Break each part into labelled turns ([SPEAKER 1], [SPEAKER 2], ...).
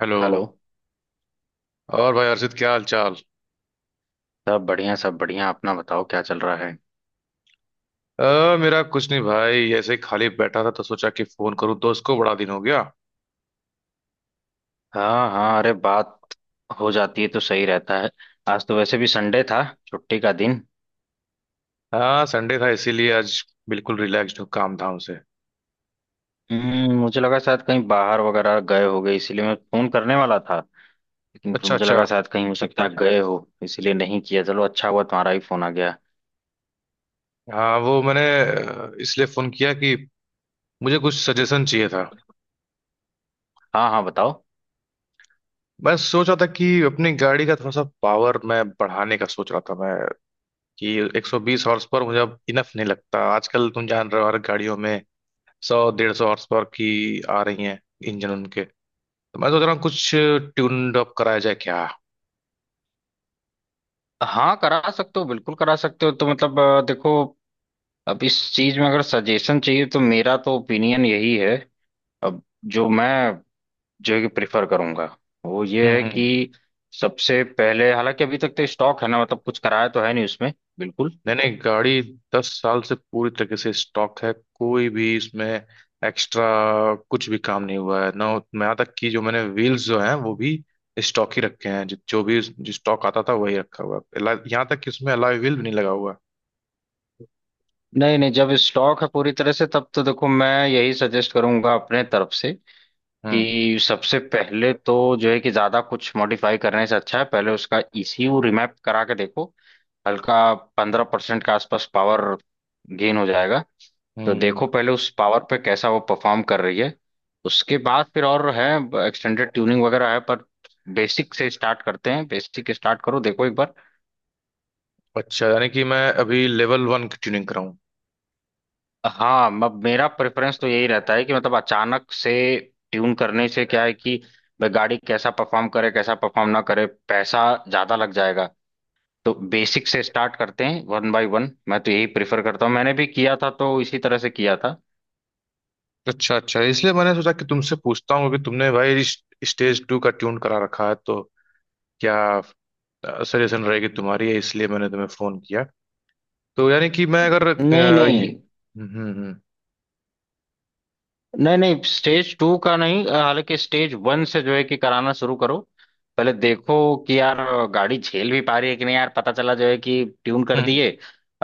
[SPEAKER 1] Hello.
[SPEAKER 2] Hello.
[SPEAKER 1] और भाई अर्षित क्या हाल चाल।
[SPEAKER 2] सब बढ़िया सब बढ़िया, अपना बताओ क्या चल रहा है?
[SPEAKER 1] अ, मेरा कुछ नहीं भाई, ऐसे ही खाली बैठा था तो सोचा कि फोन करूँ दोस्त को, बड़ा दिन हो गया।
[SPEAKER 2] हाँ हाँ, अरे बात हो जाती है तो सही रहता है। आज तो वैसे भी संडे था, छुट्टी का दिन।
[SPEAKER 1] हाँ संडे था इसीलिए आज बिल्कुल रिलैक्स्ड हूँ काम धाम से।
[SPEAKER 2] हम्म, मुझे लगा शायद कहीं बाहर वगैरह गए होगे, इसीलिए मैं फोन करने वाला था। लेकिन फिर
[SPEAKER 1] अच्छा
[SPEAKER 2] मुझे
[SPEAKER 1] अच्छा।
[SPEAKER 2] लगा शायद कहीं हो सकता है गए हो, इसीलिए नहीं किया। चलो अच्छा हुआ तुम्हारा ही फोन आ गया।
[SPEAKER 1] हाँ वो मैंने इसलिए फोन किया कि मुझे कुछ सजेशन चाहिए था।
[SPEAKER 2] हाँ हाँ, बताओ।
[SPEAKER 1] मैं सोच रहा था कि अपनी गाड़ी का थोड़ा सा पावर मैं बढ़ाने का सोच रहा था मैं, कि 120 हॉर्स पावर मुझे अब इनफ नहीं लगता, आजकल तुम जान रहे हो हर गाड़ियों में सौ डेढ़ सौ हॉर्स पावर की आ रही हैं इंजन उनके। तो मैं सोच रहा हूँ कुछ ट्यून्ड अप कराया जाए क्या।
[SPEAKER 2] हाँ करा सकते हो, बिल्कुल करा सकते हो। तो मतलब देखो, अब इस चीज में अगर सजेशन चाहिए तो मेरा तो ओपिनियन यही है। अब जो मैं, जो कि प्रिफर करूंगा वो ये
[SPEAKER 1] हम्म
[SPEAKER 2] है
[SPEAKER 1] हम्म।
[SPEAKER 2] कि सबसे पहले, हालांकि अभी तक तो स्टॉक है ना, मतलब कुछ कराया तो है नहीं उसमें। बिल्कुल।
[SPEAKER 1] नहीं नहीं, गाड़ी 10 साल से पूरी तरीके से स्टॉक है, कोई भी इसमें एक्स्ट्रा कुछ भी काम नहीं हुआ है ना। मैं यहाँ तक कि जो मैंने व्हील्स जो हैं वो भी स्टॉक ही रखे हैं, जो जो भी जो स्टॉक आता था वही रखा हुआ है, यहाँ तक कि उसमें अलॉय व्हील भी नहीं लगा हुआ है।
[SPEAKER 2] नहीं नहीं, जब स्टॉक है पूरी तरह से तब तो देखो मैं यही सजेस्ट करूंगा अपने तरफ से
[SPEAKER 1] हम्म
[SPEAKER 2] कि सबसे पहले तो जो है कि ज्यादा कुछ मॉडिफाई करने से अच्छा है पहले उसका ईसीयू रिमैप करा के देखो। हल्का 15% के आसपास पावर गेन हो जाएगा। तो
[SPEAKER 1] हम्म।
[SPEAKER 2] देखो पहले उस पावर पे कैसा वो परफॉर्म कर रही है। उसके बाद फिर और है, एक्सटेंडेड ट्यूनिंग वगैरह है, पर बेसिक से स्टार्ट करते हैं। बेसिक स्टार्ट करो, देखो एक बार।
[SPEAKER 1] अच्छा यानी कि मैं अभी लेवल वन की ट्यूनिंग कराऊं।
[SPEAKER 2] हाँ, मेरा प्रेफरेंस तो यही रहता है कि मतलब अचानक से ट्यून करने से क्या है कि भाई गाड़ी कैसा परफॉर्म करे कैसा परफॉर्म ना करे, पैसा ज्यादा लग जाएगा। तो बेसिक से स्टार्ट करते हैं वन बाय वन। मैं तो यही प्रेफर करता हूँ, मैंने भी किया था तो इसी तरह से किया था।
[SPEAKER 1] अच्छा अच्छा, इसलिए मैंने सोचा कि तुमसे पूछता हूँ कि तुमने भाई स्टेज टू का ट्यून करा रखा है तो क्या सजेशन रहेगी तुम्हारी, है इसलिए मैंने तुम्हें फोन किया। तो यानी कि मैं अगर
[SPEAKER 2] नहीं
[SPEAKER 1] ये।
[SPEAKER 2] नहीं
[SPEAKER 1] हम्म।
[SPEAKER 2] नहीं नहीं, स्टेज टू का नहीं। हालांकि स्टेज वन से जो है कि कराना शुरू करो। पहले देखो कि यार गाड़ी झेल भी पा रही है कि नहीं, यार पता चला जो है कि ट्यून कर
[SPEAKER 1] हम्म
[SPEAKER 2] दिए।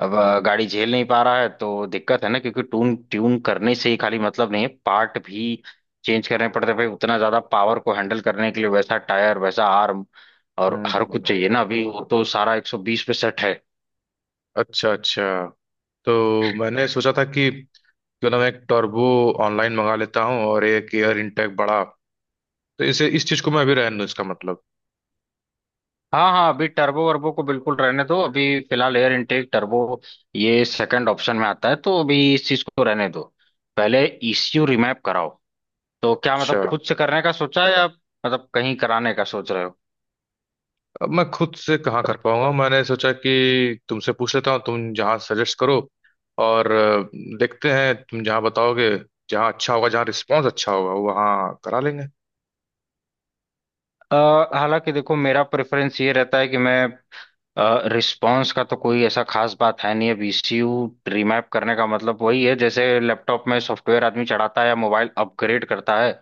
[SPEAKER 2] अब गाड़ी झेल नहीं पा रहा है तो दिक्कत है ना, क्योंकि ट्यून ट्यून करने से ही खाली मतलब नहीं है, पार्ट भी चेंज करने पड़ते हैं भाई उतना ज्यादा पावर को हैंडल करने के लिए। वैसा टायर, वैसा आर्म और हर कुछ
[SPEAKER 1] हम्म।
[SPEAKER 2] चाहिए ना। अभी वो तो सारा 120 पे सेट है।
[SPEAKER 1] अच्छा अच्छा। तो मैंने सोचा था कि क्यों ना मैं एक टर्बो ऑनलाइन मंगा लेता हूँ और एक एयर इंटेक बड़ा, तो इसे इस चीज को मैं अभी रहने दूँ इसका मतलब।
[SPEAKER 2] हाँ हाँ, अभी टर्बो वर्बो को बिल्कुल रहने दो अभी। फिलहाल एयर इनटेक टर्बो, ये सेकंड ऑप्शन में आता है तो अभी इस चीज को रहने दो। पहले ईसीयू रिमैप कराओ। तो क्या
[SPEAKER 1] अच्छा,
[SPEAKER 2] मतलब खुद से करने का सोचा है या मतलब कहीं कराने का सोच रहे हो?
[SPEAKER 1] अब मैं खुद से कहाँ कर पाऊंगा, मैंने सोचा कि तुमसे पूछ लेता हूँ तुम जहाँ सजेस्ट करो और देखते हैं तुम जहाँ बताओगे, जहाँ अच्छा होगा जहाँ रिस्पॉन्स अच्छा होगा वहाँ करा लेंगे।
[SPEAKER 2] अ, हालांकि देखो मेरा प्रेफरेंस ये रहता है कि मैं, रिस्पांस का तो कोई ऐसा खास बात है नहीं। अब ईसीयू रिमैप करने का मतलब वही है जैसे लैपटॉप में सॉफ्टवेयर आदमी चढ़ाता है या मोबाइल अपग्रेड करता है।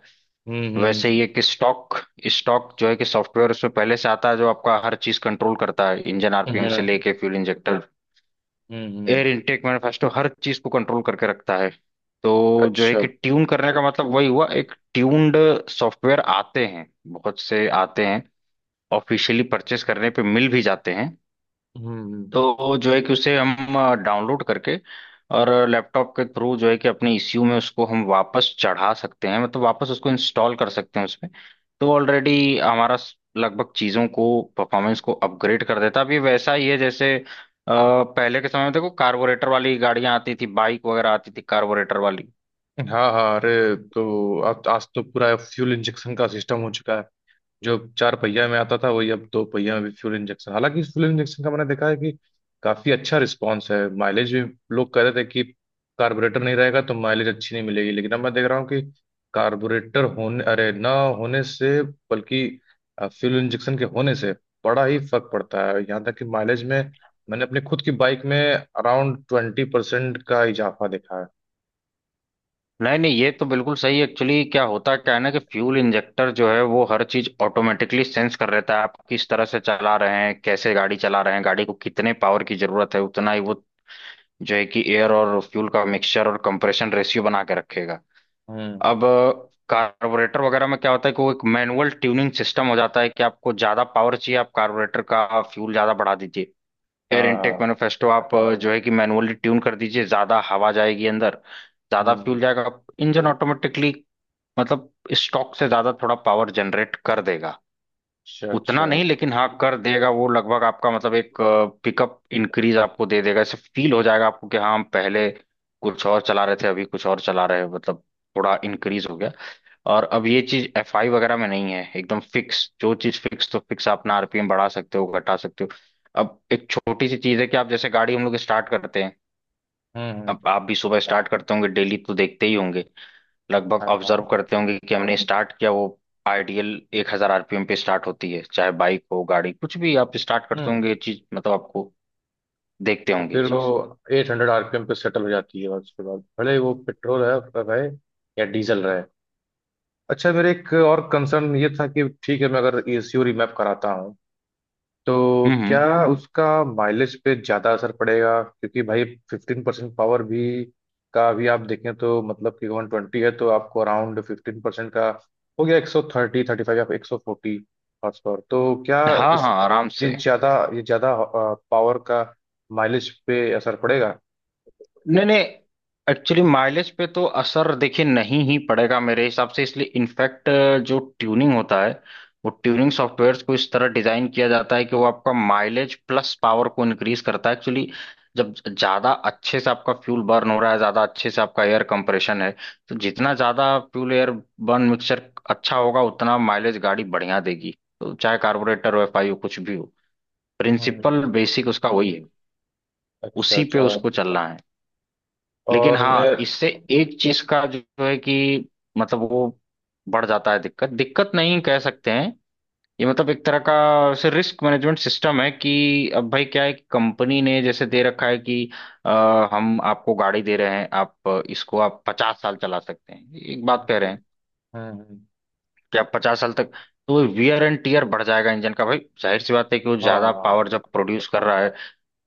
[SPEAKER 2] वैसे ही
[SPEAKER 1] हम्म।
[SPEAKER 2] एक स्टॉक स्टॉक जो है कि सॉफ्टवेयर उसमें पहले से आता है जो आपका हर चीज कंट्रोल करता है, इंजन आरपीएम से
[SPEAKER 1] हम्म
[SPEAKER 2] लेके फ्यूल इंजेक्टर,
[SPEAKER 1] हम्म,
[SPEAKER 2] एयर इनटेक मैनिफेस्टो, हर चीज को कंट्रोल करके रखता है। तो जो है
[SPEAKER 1] अच्छा।
[SPEAKER 2] कि ट्यून करने का मतलब वही हुआ, एक ट्यून्ड सॉफ्टवेयर आते हैं, बहुत से आते हैं, ऑफिशियली परचेस करने पे मिल भी जाते हैं।
[SPEAKER 1] हम्म हम्म।
[SPEAKER 2] तो जो है कि उसे हम डाउनलोड करके और लैपटॉप के थ्रू जो है कि अपने ईसीयू में उसको हम वापस चढ़ा सकते हैं, मतलब वापस उसको इंस्टॉल कर सकते हैं उसमें। तो ऑलरेडी हमारा लगभग चीज़ों को, परफॉर्मेंस को अपग्रेड कर देता है। अब ये वैसा ही है जैसे पहले के समय में देखो कार्बोरेटर वाली गाड़ियां आती थी, बाइक वगैरह आती थी कार्बोरेटर वाली।
[SPEAKER 1] हाँ हाँ अरे, तो अब आज तो पूरा फ्यूल इंजेक्शन का सिस्टम हो चुका है, जो चार पहिया में आता था वही अब दो पहिया में भी फ्यूल इंजेक्शन। हालांकि इस फ्यूल इंजेक्शन का मैंने देखा है कि काफी अच्छा रिस्पॉन्स है, माइलेज भी, लोग कह रहे थे कि कार्बोरेटर नहीं रहेगा तो माइलेज अच्छी नहीं मिलेगी, लेकिन अब मैं देख रहा हूँ कि कार्बोरेटर होने, अरे ना होने से, बल्कि फ्यूल इंजेक्शन के होने से बड़ा ही फर्क पड़ता है, यहाँ तक कि माइलेज में मैंने अपने खुद की बाइक में अराउंड 20% का इजाफा देखा है।
[SPEAKER 2] नहीं नहीं, ये तो बिल्कुल सही। एक्चुअली क्या होता है, क्या है ना कि फ्यूल इंजेक्टर जो है वो हर चीज ऑटोमेटिकली सेंस कर लेता है, आप किस तरह से चला रहे हैं, कैसे गाड़ी चला रहे हैं, गाड़ी को कितने पावर की जरूरत है, उतना ही वो जो है कि एयर और फ्यूल का मिक्सचर और कंप्रेशन रेशियो बना के रखेगा।
[SPEAKER 1] हम्म।
[SPEAKER 2] अब कार्बोरेटर वगैरह में क्या होता है कि वो एक मैनुअल ट्यूनिंग सिस्टम हो जाता है कि आपको ज्यादा पावर चाहिए आप कार्बोरेटर का फ्यूल ज्यादा बढ़ा दीजिए, एयर
[SPEAKER 1] हाँ
[SPEAKER 2] इनटेक
[SPEAKER 1] हाँ।
[SPEAKER 2] मैनिफेस्टो आप जो है कि मैनुअली ट्यून कर दीजिए, ज्यादा हवा जाएगी अंदर, ज्यादा फ्यूल
[SPEAKER 1] हम्म।
[SPEAKER 2] जाएगा, इंजन ऑटोमेटिकली मतलब स्टॉक से ज्यादा थोड़ा पावर जनरेट कर देगा।
[SPEAKER 1] अच्छा
[SPEAKER 2] उतना
[SPEAKER 1] अच्छा।
[SPEAKER 2] नहीं लेकिन हाँ कर देगा वो, लगभग आपका मतलब एक पिकअप इंक्रीज आपको दे देगा, ऐसे फील हो जाएगा आपको कि हाँ, हम पहले कुछ और चला रहे थे अभी कुछ और चला रहे हैं, मतलब थोड़ा इंक्रीज हो गया। और अब ये चीज एफ आई वगैरह में नहीं है एकदम फिक्स, जो चीज फिक्स तो फिक्स, आप अपना आरपीएम बढ़ा सकते हो घटा सकते हो। अब एक छोटी सी चीज है कि आप जैसे गाड़ी हम लोग स्टार्ट करते हैं,
[SPEAKER 1] हम्म,
[SPEAKER 2] अब आप भी सुबह स्टार्ट करते होंगे डेली तो देखते ही होंगे, लगभग
[SPEAKER 1] हाँ
[SPEAKER 2] ऑब्जर्व
[SPEAKER 1] हाँ।
[SPEAKER 2] करते होंगे कि हमने स्टार्ट किया वो आइडियल 1000 आरपीएम पे स्टार्ट होती है, चाहे बाइक हो गाड़ी कुछ भी आप स्टार्ट करते होंगे, ये
[SPEAKER 1] हम्म
[SPEAKER 2] चीज मतलब आपको देखते
[SPEAKER 1] और
[SPEAKER 2] होंगे ये
[SPEAKER 1] फिर वो
[SPEAKER 2] चीज।
[SPEAKER 1] 800 RPM पे सेटल हो जाती है और उसके बाद भले वो पेट्रोल है रहे या डीजल रहे। अच्छा मेरे एक और कंसर्न ये था कि, ठीक है मैं अगर ECU रिमैप कराता हूँ तो क्या
[SPEAKER 2] हम्म।
[SPEAKER 1] उसका माइलेज पे ज़्यादा असर पड़ेगा, क्योंकि भाई 15% पावर भी का अभी आप देखें तो मतलब कि 120 है तो आपको अराउंड 15% का हो गया 130 35 या 140 हॉर्स पावर, तो क्या
[SPEAKER 2] हाँ
[SPEAKER 1] इस
[SPEAKER 2] हाँ, आराम
[SPEAKER 1] ये
[SPEAKER 2] से।
[SPEAKER 1] ज़्यादा ये ज़्यादा पावर का माइलेज पे असर पड़ेगा।
[SPEAKER 2] नहीं नहीं, एक्चुअली माइलेज पे तो असर देखिए नहीं ही पड़ेगा मेरे हिसाब से, इसलिए इनफैक्ट जो ट्यूनिंग होता है वो ट्यूनिंग सॉफ्टवेयर्स को इस तरह डिजाइन किया जाता है कि वो आपका माइलेज प्लस पावर को इंक्रीज करता है। एक्चुअली जब ज्यादा अच्छे से आपका फ्यूल बर्न हो रहा है, ज्यादा अच्छे से आपका एयर कंप्रेशन है, तो जितना ज्यादा फ्यूल एयर बर्न मिक्सचर अच्छा होगा उतना माइलेज गाड़ी बढ़िया देगी। तो चाहे कार्बोरेटर हो, एफ आई हो, कुछ भी हो, प्रिंसिपल
[SPEAKER 1] हम्म,
[SPEAKER 2] बेसिक उसका वही है,
[SPEAKER 1] अच्छा
[SPEAKER 2] उसी पे
[SPEAKER 1] अच्छा।
[SPEAKER 2] उसको चलना है। लेकिन
[SPEAKER 1] और मैं
[SPEAKER 2] हाँ, इससे एक चीज का जो है कि मतलब वो बढ़ जाता है, दिक्कत दिक्कत नहीं कह सकते हैं, ये मतलब एक तरह का वैसे रिस्क मैनेजमेंट सिस्टम है कि अब भाई क्या है कि कंपनी ने जैसे दे रखा है कि अ, हम आपको गाड़ी दे रहे हैं, आप इसको आप 50 साल चला सकते हैं, एक बात कह रहे हैं
[SPEAKER 1] हम्म, हम्म,
[SPEAKER 2] कि आप 50 साल तक, तो वो वियर एंड टीयर बढ़ जाएगा इंजन का भाई, जाहिर सी बात है कि वो ज्यादा पावर
[SPEAKER 1] हाँ।
[SPEAKER 2] जब प्रोड्यूस कर रहा है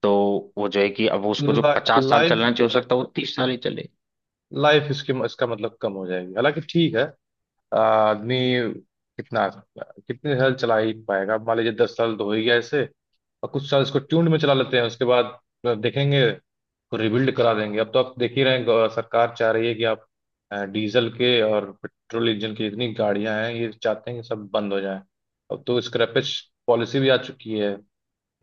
[SPEAKER 2] तो वो जो है कि अब उसको जो 50 साल
[SPEAKER 1] लाइफ
[SPEAKER 2] चलना चाहिए हो सकता है वो 30 साल ही चले।
[SPEAKER 1] लाइफ इसके इसका मतलब कम हो जाएगी, हालांकि ठीक है। आदमी कितना कितने साल चला ही पाएगा, मान लीजिए 10 साल तो हो ही गया ऐसे, और कुछ साल इसको ट्यून्ड में चला लेते हैं उसके बाद देखेंगे तो रिबिल्ड करा देंगे। अब तो आप देख ही रहे हैं, सरकार चाह रही है कि आप डीजल के और पेट्रोल इंजन की जितनी गाड़ियां हैं ये चाहते हैं कि सब बंद हो जाए। अब तो स्क्रैपेज पॉलिसी भी आ चुकी है,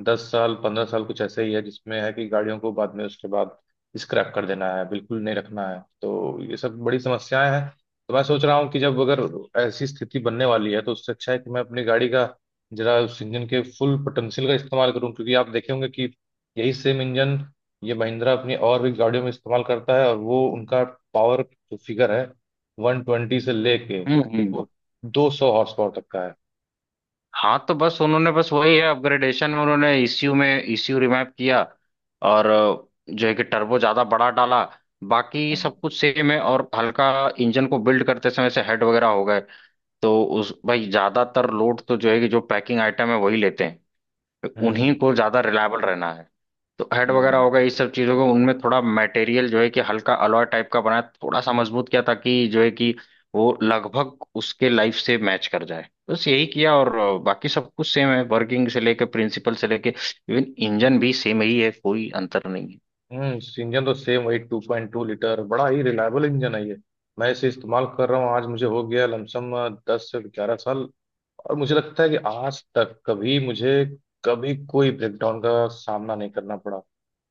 [SPEAKER 1] 10 साल 15 साल कुछ ऐसे ही है जिसमें है कि गाड़ियों को बाद में उसके बाद स्क्रैप कर देना है, बिल्कुल नहीं रखना है, तो ये सब बड़ी समस्याएं हैं। तो मैं सोच रहा हूँ कि जब अगर ऐसी स्थिति बनने वाली है तो उससे अच्छा है कि मैं अपनी गाड़ी का जरा उस इंजन के फुल पोटेंशियल का इस्तेमाल करूँ, क्योंकि आप देखे होंगे कि यही सेम इंजन ये महिंद्रा अपनी और भी गाड़ियों में इस्तेमाल करता है और वो उनका पावर जो फिगर है 120 से लेके
[SPEAKER 2] हम्म।
[SPEAKER 1] 200 HP तक का है।
[SPEAKER 2] हाँ तो बस उन्होंने, बस वही है अपग्रेडेशन में उन्होंने ईसीयू में ईसीयू रिमैप किया और जो है कि टर्बो ज्यादा बड़ा डाला, बाकी सब कुछ सेम है। और हल्का इंजन को बिल्ड करते समय से हेड वगैरह हो गए। तो उस भाई ज्यादातर लोड तो जो है कि जो पैकिंग आइटम है वही लेते हैं, उन्हीं को ज्यादा रिलायबल रहना है। तो हेड वगैरह
[SPEAKER 1] हम्म
[SPEAKER 2] होगा, ये सब चीजों को उनमें थोड़ा मटेरियल जो है कि हल्का अलॉय टाइप का बनाया, थोड़ा सा मजबूत किया ताकि जो है कि वो लगभग उसके लाइफ से मैच कर जाए। बस यही किया और बाकी सब कुछ सेम है, वर्किंग से लेके प्रिंसिपल से लेके, इवन इंजन भी सेम ही है, कोई अंतर नहीं है।
[SPEAKER 1] हम्म। इस इंजन तो सेम वही 2.2 लीटर, बड़ा ही रिलायबल इंजन है ये। मैं इसे इस्तेमाल कर रहा हूँ, आज मुझे हो गया लमसम 10 से 11 साल, और मुझे लगता है कि आज तक कभी मुझे कभी कोई ब्रेकडाउन का सामना नहीं करना पड़ा,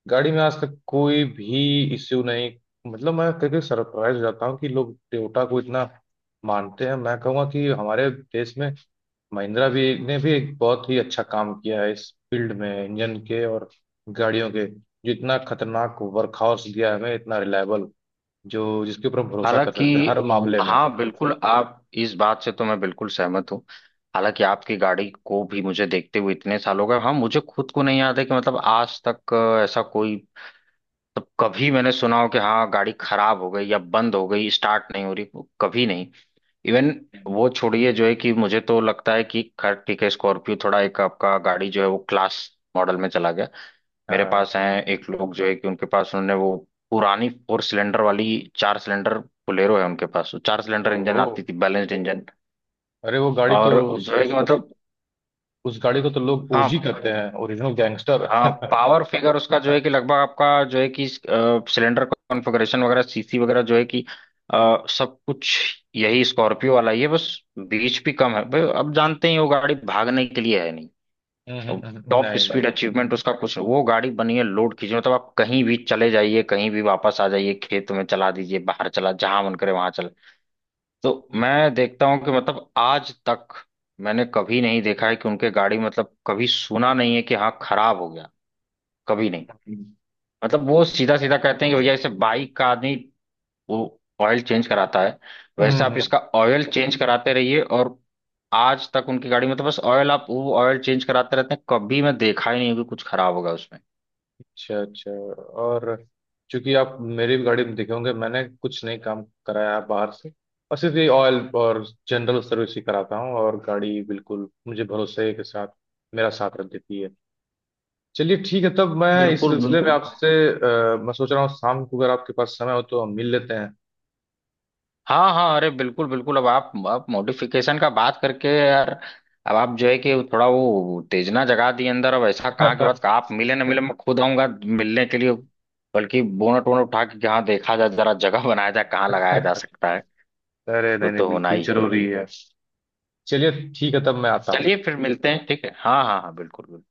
[SPEAKER 1] गाड़ी में आज तक कोई भी इश्यू नहीं। मतलब मैं कभी सरप्राइज हो जाता हूँ कि लोग टोयोटा को इतना मानते हैं, मैं कहूँगा कि हमारे देश में महिंद्रा भी ने भी एक बहुत ही अच्छा काम किया है इस फील्ड में, इंजन के और गाड़ियों के, जितना खतरनाक वर्कहॉर्स दिया है हमें, इतना रिलायबल जो जिसके ऊपर हम भरोसा कर
[SPEAKER 2] हालांकि
[SPEAKER 1] सकते हैं हर मामले में।
[SPEAKER 2] हाँ, बिल्कुल, आप, इस बात से तो मैं बिल्कुल सहमत हूँ। हालांकि आपकी गाड़ी को भी मुझे देखते हुए इतने साल हो गए, हाँ मुझे खुद को नहीं याद है कि मतलब आज तक ऐसा कोई तब कभी मैंने सुना हो कि हाँ गाड़ी खराब हो गई या बंद हो गई, स्टार्ट नहीं हो रही, वो कभी नहीं। इवन वो छोड़िए, जो है कि मुझे तो लगता है कि खैर ठीक है स्कॉर्पियो थोड़ा एक आपका गाड़ी जो है वो क्लास मॉडल में चला गया। मेरे
[SPEAKER 1] हाँ।
[SPEAKER 2] पास हैं एक लोग जो है कि उनके पास, उन्होंने वो पुरानी फोर सिलेंडर वाली, चार सिलेंडर बोलेरो है उनके पास, वो चार सिलेंडर इंजन
[SPEAKER 1] ओहो
[SPEAKER 2] आती थी, बैलेंस्ड इंजन,
[SPEAKER 1] अरे वो गाड़ी तो
[SPEAKER 2] और जो है कि मतलब,
[SPEAKER 1] उस गाड़ी को तो लोग
[SPEAKER 2] हाँ
[SPEAKER 1] OG करते हैं, ओरिजिनल गैंगस्टर।
[SPEAKER 2] हाँ पावर फिगर उसका जो है कि लगभग आपका जो है कि सिलेंडर कॉन्फ़िगरेशन वगैरह, सीसी वगैरह जो है कि सब कुछ यही स्कॉर्पियो वाला ही है। बस बीच भी कम है भाई, अब जानते ही वो गाड़ी भागने के लिए है नहीं। अब टॉप
[SPEAKER 1] नहीं
[SPEAKER 2] स्पीड अचीवमेंट उसका कुछ नहीं। वो गाड़ी बनी है लोड खींचने, मतलब आप कहीं भी चले जाइए, कहीं भी वापस आ जाइए, खेत में चला दीजिए, बाहर चला, जहां मन करे वहां चले। तो मैं देखता हूँ कि मतलब आज तक मैंने कभी नहीं देखा है कि उनके गाड़ी, मतलब कभी सुना नहीं है कि हाँ खराब हो गया, कभी नहीं। मतलब वो सीधा सीधा कहते हैं कि भैया जैसे बाइक का आदमी वो ऑयल चेंज कराता है वैसे आप
[SPEAKER 1] नहीं।
[SPEAKER 2] इसका ऑयल चेंज कराते रहिए, और आज तक उनकी गाड़ी में तो बस ऑयल, आप वो ऑयल चेंज कराते रहते हैं, कभी मैं देखा ही नहीं हूं कि कुछ खराब होगा उसमें।
[SPEAKER 1] अच्छा अच्छा। और चूंकि आप मेरी भी गाड़ी में देखे होंगे, मैंने कुछ नहीं काम कराया है बाहर से, बस सिर्फ ये ऑयल और जनरल सर्विस ही कराता हूँ और गाड़ी बिल्कुल मुझे भरोसे के साथ मेरा साथ रख देती है। चलिए ठीक है, तब मैं इस
[SPEAKER 2] बिल्कुल
[SPEAKER 1] सिलसिले में
[SPEAKER 2] बिल्कुल।
[SPEAKER 1] आपसे मैं सोच रहा हूँ शाम को अगर आपके पास समय हो तो हम मिल लेते हैं।
[SPEAKER 2] हाँ हाँ अरे बिल्कुल बिल्कुल, अब आप मॉडिफिकेशन का बात करके यार, अब आप जो है कि थोड़ा वो तेजना जगा दी अंदर, अब ऐसा कहाँ के बाद कहा आप मिले ना मिले, मैं खुद आऊंगा मिलने के लिए, बल्कि बोनट वोनट उठा के कि हाँ देखा जाए जरा, जगह बनाया जाए कहाँ लगाया जा सकता है।
[SPEAKER 1] अरे
[SPEAKER 2] वो
[SPEAKER 1] नहीं नहीं
[SPEAKER 2] तो होना
[SPEAKER 1] बिल्कुल
[SPEAKER 2] ही है।
[SPEAKER 1] जरूरी है। चलिए ठीक है तब मैं आता हूँ।
[SPEAKER 2] चलिए फिर मिलते हैं, ठीक है, हाँ हाँ हाँ, बिल्कुल बिल्कुल।